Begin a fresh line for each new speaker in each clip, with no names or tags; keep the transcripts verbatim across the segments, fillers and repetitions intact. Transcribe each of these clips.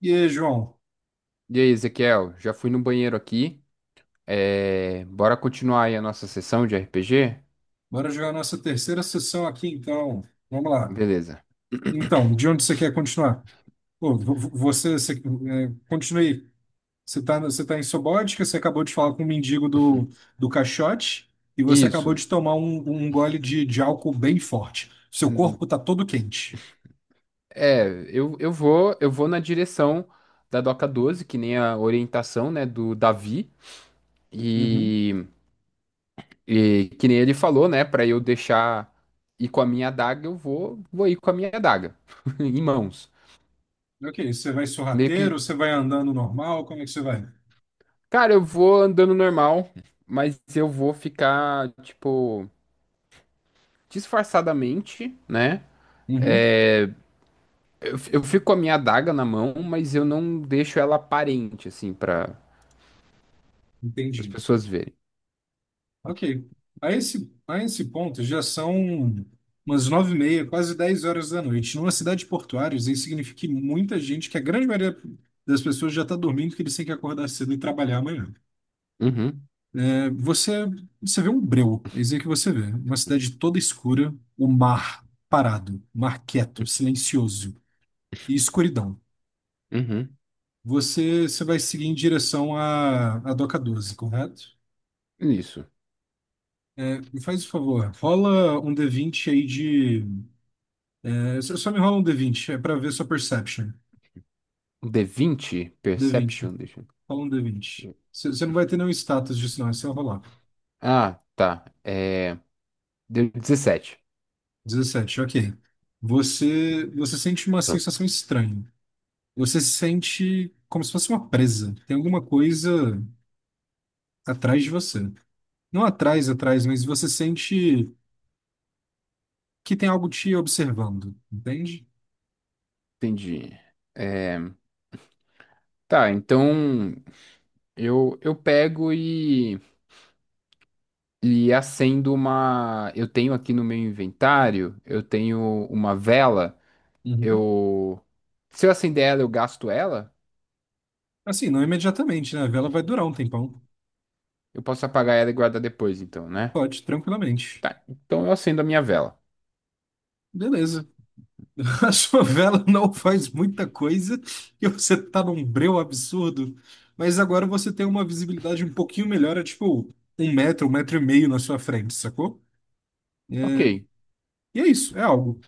E aí, João,
E aí, Ezequiel, já fui no banheiro aqui. É, Bora continuar aí a nossa sessão de R P G?
bora jogar nossa terceira sessão aqui, então. Vamos lá.
Beleza.
Então, de onde você quer continuar? Pô, vo- vo- você, você é, continue. Você está você tá em Sobótica, você acabou de falar com o mendigo do, do caixote e você acabou
Isso.
de tomar um, um gole de, de álcool bem forte. Seu
Hum,
corpo está todo quente.
É, eu, eu vou eu vou na direção da Doca doze, que nem a orientação, né, do Davi.
Uhum.
E, e que nem ele falou, né, pra eu deixar ir com a minha adaga, eu vou, vou ir com a minha adaga em mãos.
Ok, você vai
Meio que,
sorrateiro, você vai andando normal, como é que você vai?
cara, eu vou andando normal, mas eu vou ficar, tipo, disfarçadamente, né?
Uhum.
É, eu, eu fico com a minha adaga na mão, mas eu não deixo ela aparente, assim, para as
Entendi.
pessoas verem.
Ok. A esse, a esse ponto já são umas nove e meia, quase dez horas da noite. Numa cidade portuária, isso aí significa que muita gente, que a grande maioria das pessoas já está dormindo, que eles têm que acordar cedo e trabalhar amanhã.
Uhum,
É, você, você vê um breu, é isso aí que você vê. Uma cidade toda escura, o mar parado, mar quieto, silencioso e escuridão.
uhum,
Você, você vai seguir em direção à, à Doca doze, correto?
isso.
É, me faz o favor, rola um D vinte aí de você só me rola um D vinte, é pra ver sua perception.
Um d vinte
D vinte.
Perception, deixa eu...
Rola um D vinte. Você você não vai ter nenhum status disso, não, é só rolar.
Ah, tá. É, deu dezessete.
Dezessete, ok. Você, você sente uma
Tá.
sensação estranha. Você se sente como se fosse uma presa. Tem alguma coisa atrás de você. Não atrás, atrás, mas você sente que tem algo te observando, entende?
Entendi. É, tá, então eu, eu pego e, e acendo uma. Eu tenho aqui no meu inventário, eu tenho uma vela.
Uhum.
Eu. Se eu acender ela, eu gasto ela.
Assim, não imediatamente, né? A vela vai durar um tempão.
Eu posso apagar ela e guardar depois, então, né?
Pode, tranquilamente.
Tá. Então eu acendo a minha vela.
Beleza. A sua vela não faz muita coisa e você tá num breu absurdo, mas agora você tem uma visibilidade um pouquinho melhor, é tipo um metro, um metro e meio na sua frente, sacou? É,
Ok.
e é isso, é algo.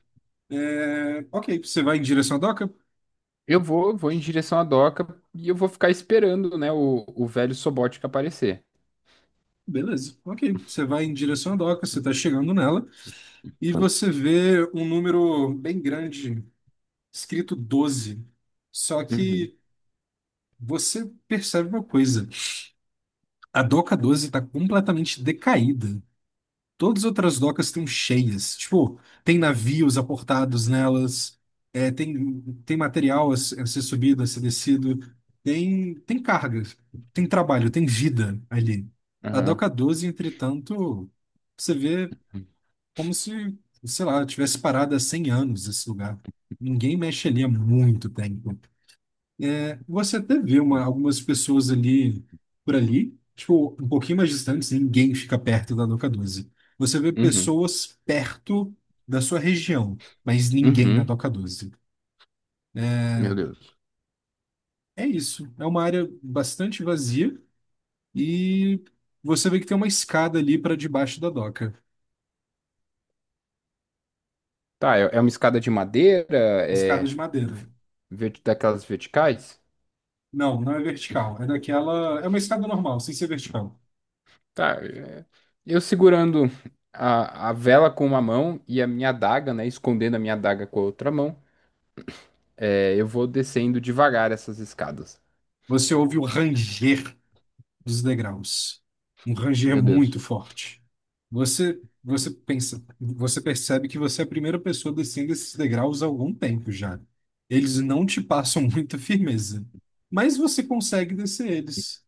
É, ok, você vai em direção à doca?
Eu vou, vou em direção à doca e eu vou ficar esperando, né, o, o velho Sobótica aparecer.
Beleza, ok. Você vai em direção à doca, você tá chegando nela e você vê um número bem grande, escrito doze. Só
Uhum.
que você percebe uma coisa: a doca doze está completamente decaída. Todas as outras docas estão cheias. Tipo, tem navios aportados nelas, é, tem, tem material a se- a ser subido, a ser descido, tem, tem cargas, tem trabalho, tem vida ali. A
Aham.
Doca doze, entretanto, você vê como se, sei lá, tivesse parado há cem anos esse lugar. Ninguém mexe ali há muito tempo. É, você até vê uma, algumas pessoas ali, por ali, tipo, um pouquinho mais distantes, ninguém fica perto da Doca doze. Você vê
Uhum.
pessoas perto da sua região, mas ninguém na
Uhum.
Doca doze.
Meu Deus.
É isso. É uma área bastante vazia e você vê que tem uma escada ali para debaixo da doca.
Tá, é, é uma escada de madeira,
Escada
é
de madeira.
ve- vert- daquelas verticais?
Não, não é vertical. É daquela. É uma escada normal, sem ser vertical.
Tá, é, eu segurando a, a vela com uma mão e a minha adaga, né, escondendo a minha adaga com a outra mão. É, eu vou descendo devagar essas escadas.
Você ouve o ranger dos degraus. Um ranger
Meu
muito
Deus.
forte. Você, você pensa, você percebe que você é a primeira pessoa descendo esses degraus há algum tempo já. Eles não te passam muita firmeza, mas você consegue descer eles.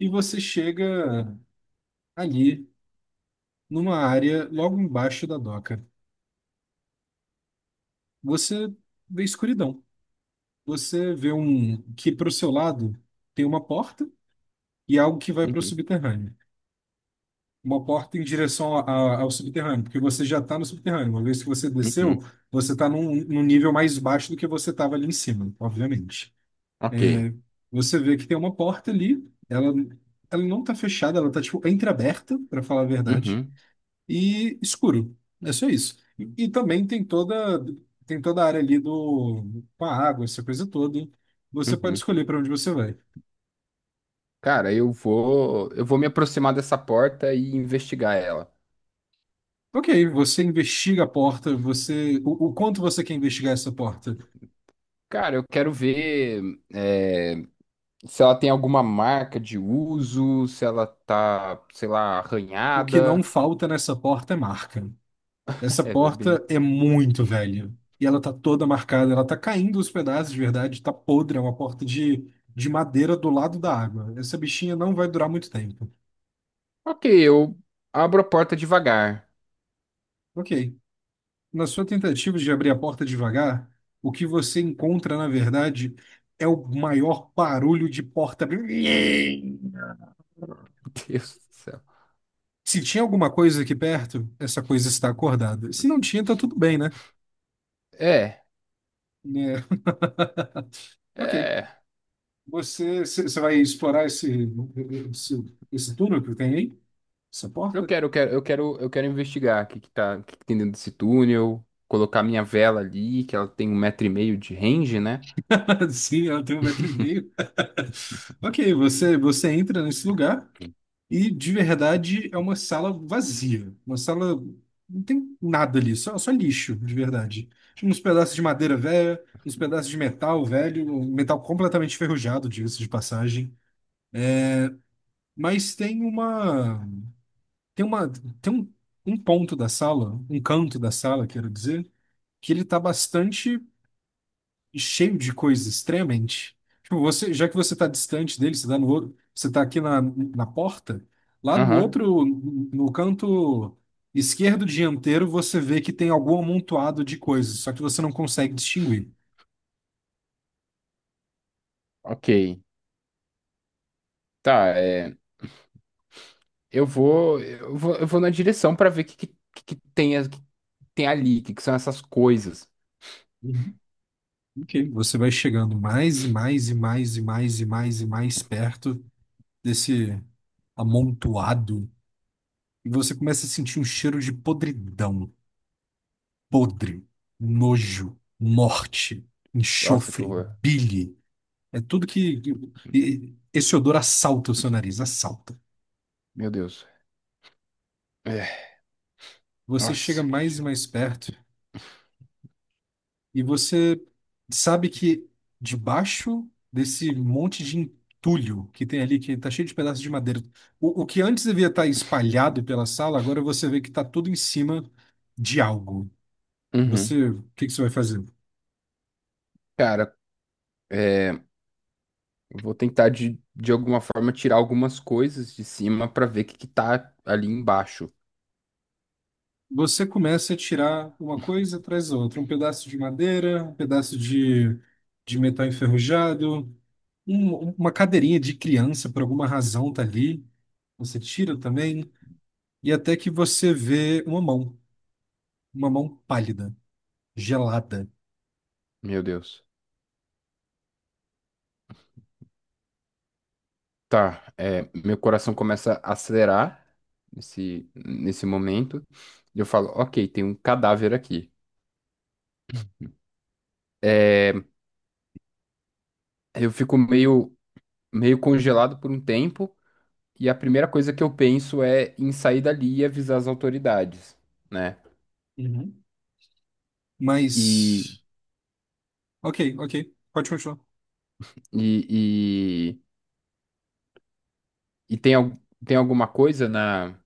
E você chega ali, numa área logo embaixo da doca. Você vê escuridão. Você vê um que para o seu lado tem uma porta e algo que vai para o
Uhum,
subterrâneo. Uma porta em direção a- a- ao subterrâneo, porque você já está no subterrâneo. Uma vez que você desceu,
uhum,
você está num, num nível mais baixo do que você estava ali em cima, obviamente.
ok,
Você vê que tem uma porta ali, ela, ela não está fechada, ela está tipo entreaberta, para falar a verdade,
uhum,
e escuro. É só isso. E, e também tem toda tem toda a área ali do com a água, essa coisa toda. Você pode
uhum.
escolher para onde você vai.
Cara, eu vou, eu vou me aproximar dessa porta e investigar ela.
Ok, você investiga a porta, você o o quanto você quer investigar essa porta?
Cara, eu quero ver, é, se ela tem alguma marca de uso, se ela tá, sei lá,
O que não
arranhada.
falta nessa porta é marca. Essa
É, bem...
porta é muito velha. E ela tá toda marcada, ela tá caindo os pedaços de verdade, tá podre, é uma porta de, de madeira do lado da água. Essa bichinha não vai durar muito tempo.
Ok, eu abro a porta devagar.
Ok. Na sua tentativa de abrir a porta devagar, o que você encontra, na verdade, é o maior barulho de porta abrindo.
Meu Deus do céu.
Se tinha alguma coisa aqui perto, essa coisa está acordada. Se não tinha, tá tudo bem, né?
É,
É, ok.
é.
Você, você você vai explorar esse, esse, esse túnel que tem aí? Essa
Eu
porta?
quero, eu quero, eu quero, eu quero investigar o que que tá, o que que tem dentro desse túnel, colocar minha vela ali, que ela tem um metro e meio de range, né?
Sim, ela tem um metro e meio. Ok, você, você entra nesse lugar e de verdade é uma sala vazia. Uma sala. Não tem nada ali, só, só lixo, de verdade. Tinha uns pedaços de madeira velha, uns pedaços de metal velho, um metal completamente enferrujado, diga-se de passagem. Mas tem uma. Tem uma. Tem um, um ponto da sala, um canto da sala, quero dizer, que ele tá bastante cheio de coisas extremamente. Tipo, você, já que você está distante dele, você está no outro, você está aqui na, na porta, lá do
Aham,
outro, no canto esquerdo dianteiro, você vê que tem algum amontoado de coisas, só que você não consegue distinguir.
ok. Tá, é, eu vou, eu vou, eu vou na direção pra ver o que, que, que que tem, a- que tem ali, o que, que são essas coisas.
Uhum. Ok. Você vai chegando mais e mais e mais e mais e mais e mais perto desse amontoado e você começa a sentir um cheiro de podridão, podre, nojo, morte,
Nossa, que
enxofre,
horror.
bile. É tudo que. que- e- esse odor assalta o seu nariz, assalta.
Meu Deus. É,
Você chega
nossa, que
mais e
cheiro.
mais perto e você sabe que debaixo desse monte de entulho que tem ali, que tá cheio de pedaços de madeira, o, o que antes devia estar espalhado pela sala, agora você vê que tá tudo em cima de algo.
Uhum.
Você, o que que você vai fazer?
Cara, é, eu vou tentar de, de alguma forma tirar algumas coisas de cima pra ver o que, que tá ali embaixo.
Você começa a tirar uma coisa atrás da outra, um pedaço de madeira, um pedaço de, de metal enferrujado, um- uma cadeirinha de criança, por alguma razão, tá ali. Você tira também, e até que você vê uma mão, uma mão pálida, gelada.
Meu Deus. Tá, é, meu coração começa a acelerar nesse, nesse momento. E eu falo, ok, tem um cadáver aqui. É, eu fico meio, meio congelado por um tempo, e a primeira coisa que eu penso é em sair dali e avisar as autoridades, né?
Uhum.
E,
Mas. Ok, ok, pode continuar.
e, e, e tem, al- tem alguma coisa na.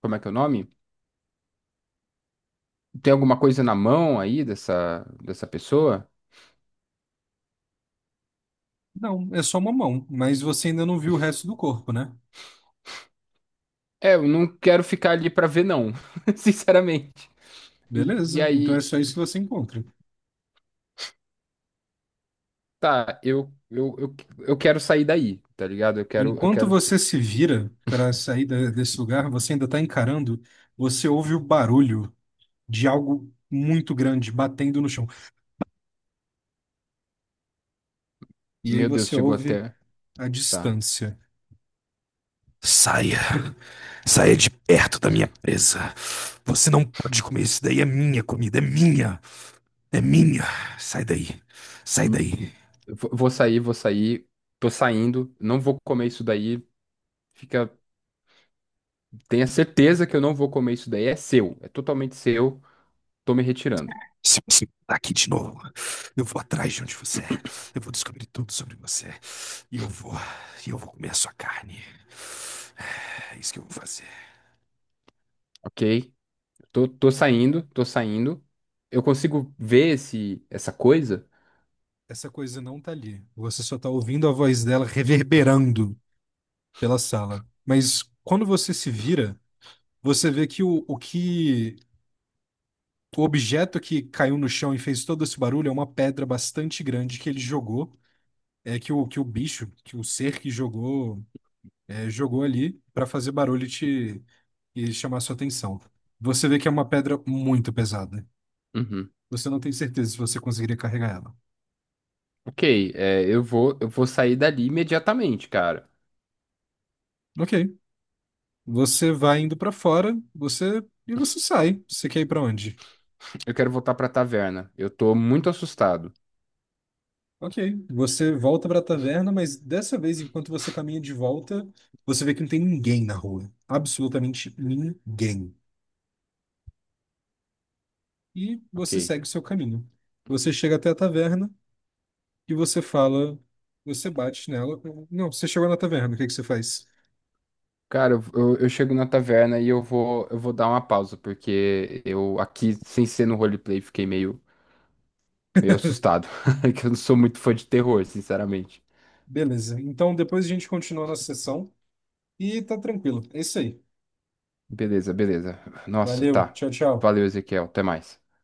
Como é que é o nome? Tem alguma coisa na mão aí dessa, dessa pessoa?
Não, é só uma mão, mas você ainda não viu o resto do corpo, né?
É, eu não quero ficar ali pra ver, não, sinceramente. E, e
Beleza, então é
aí.
só isso que você encontra.
Tá, eu, eu, eu, eu quero sair daí, tá ligado? Eu quero, eu
Enquanto
quero.
você se vira para sair da- desse lugar, você ainda está encarando, você ouve o barulho de algo muito grande batendo no chão. E aí
Meu Deus,
você
chegou
ouve
até.
a
Tá.
distância. Saia, saia de perto da minha presa. Você não pode comer isso daí, é minha comida, é minha, é minha. Sai daí, sai
Hum,
daí.
Vou vou sair, vou sair. Tô saindo. Não vou comer isso daí. Fica. Tenha certeza que eu não vou comer isso daí. É seu. É totalmente seu. Tô me retirando.
Se você tá aqui de novo, eu vou atrás de onde você é. Eu vou descobrir tudo sobre você. E eu vou, e eu vou comer a sua carne. É isso que eu vou fazer.
Ok? Tô, tô saindo, tô saindo. Eu consigo ver esse, essa coisa?
Essa coisa não tá ali. Você só tá ouvindo a voz dela reverberando pela sala. Mas quando você se vira, você vê que o, o que o objeto que caiu no chão e fez todo esse barulho é uma pedra bastante grande que ele jogou. É que o, que o bicho, que o ser que jogou, é, jogou ali pra fazer barulho e te e chamar sua atenção. Você vê que é uma pedra muito pesada.
Uhum.
Você não tem certeza se você conseguiria carregar ela.
Ok, é, eu vou, eu vou sair dali imediatamente, cara.
Ok. Você vai indo pra fora, você e você sai. Você quer ir pra onde?
Eu quero voltar pra taverna. Eu tô muito assustado.
Ok. Você volta pra taverna, mas dessa vez, enquanto você caminha de volta, você vê que não tem ninguém na rua. Absolutamente ninguém. E você
Ok.
segue o seu caminho. Você chega até a taverna e você fala, você bate nela. Não, você chegou na taverna, o que que você faz?
Cara, eu, eu- eu chego na taverna e eu vou, eu vou dar uma pausa, porque eu aqui, sem ser no roleplay, fiquei meio, meio assustado. Que eu não sou muito fã de terror, sinceramente.
Beleza. Então depois a gente continua a nossa sessão e tá tranquilo. É isso aí.
Beleza, beleza. Nossa,
Valeu.
tá.
Tchau, tchau.
Valeu, Ezequiel. Até mais.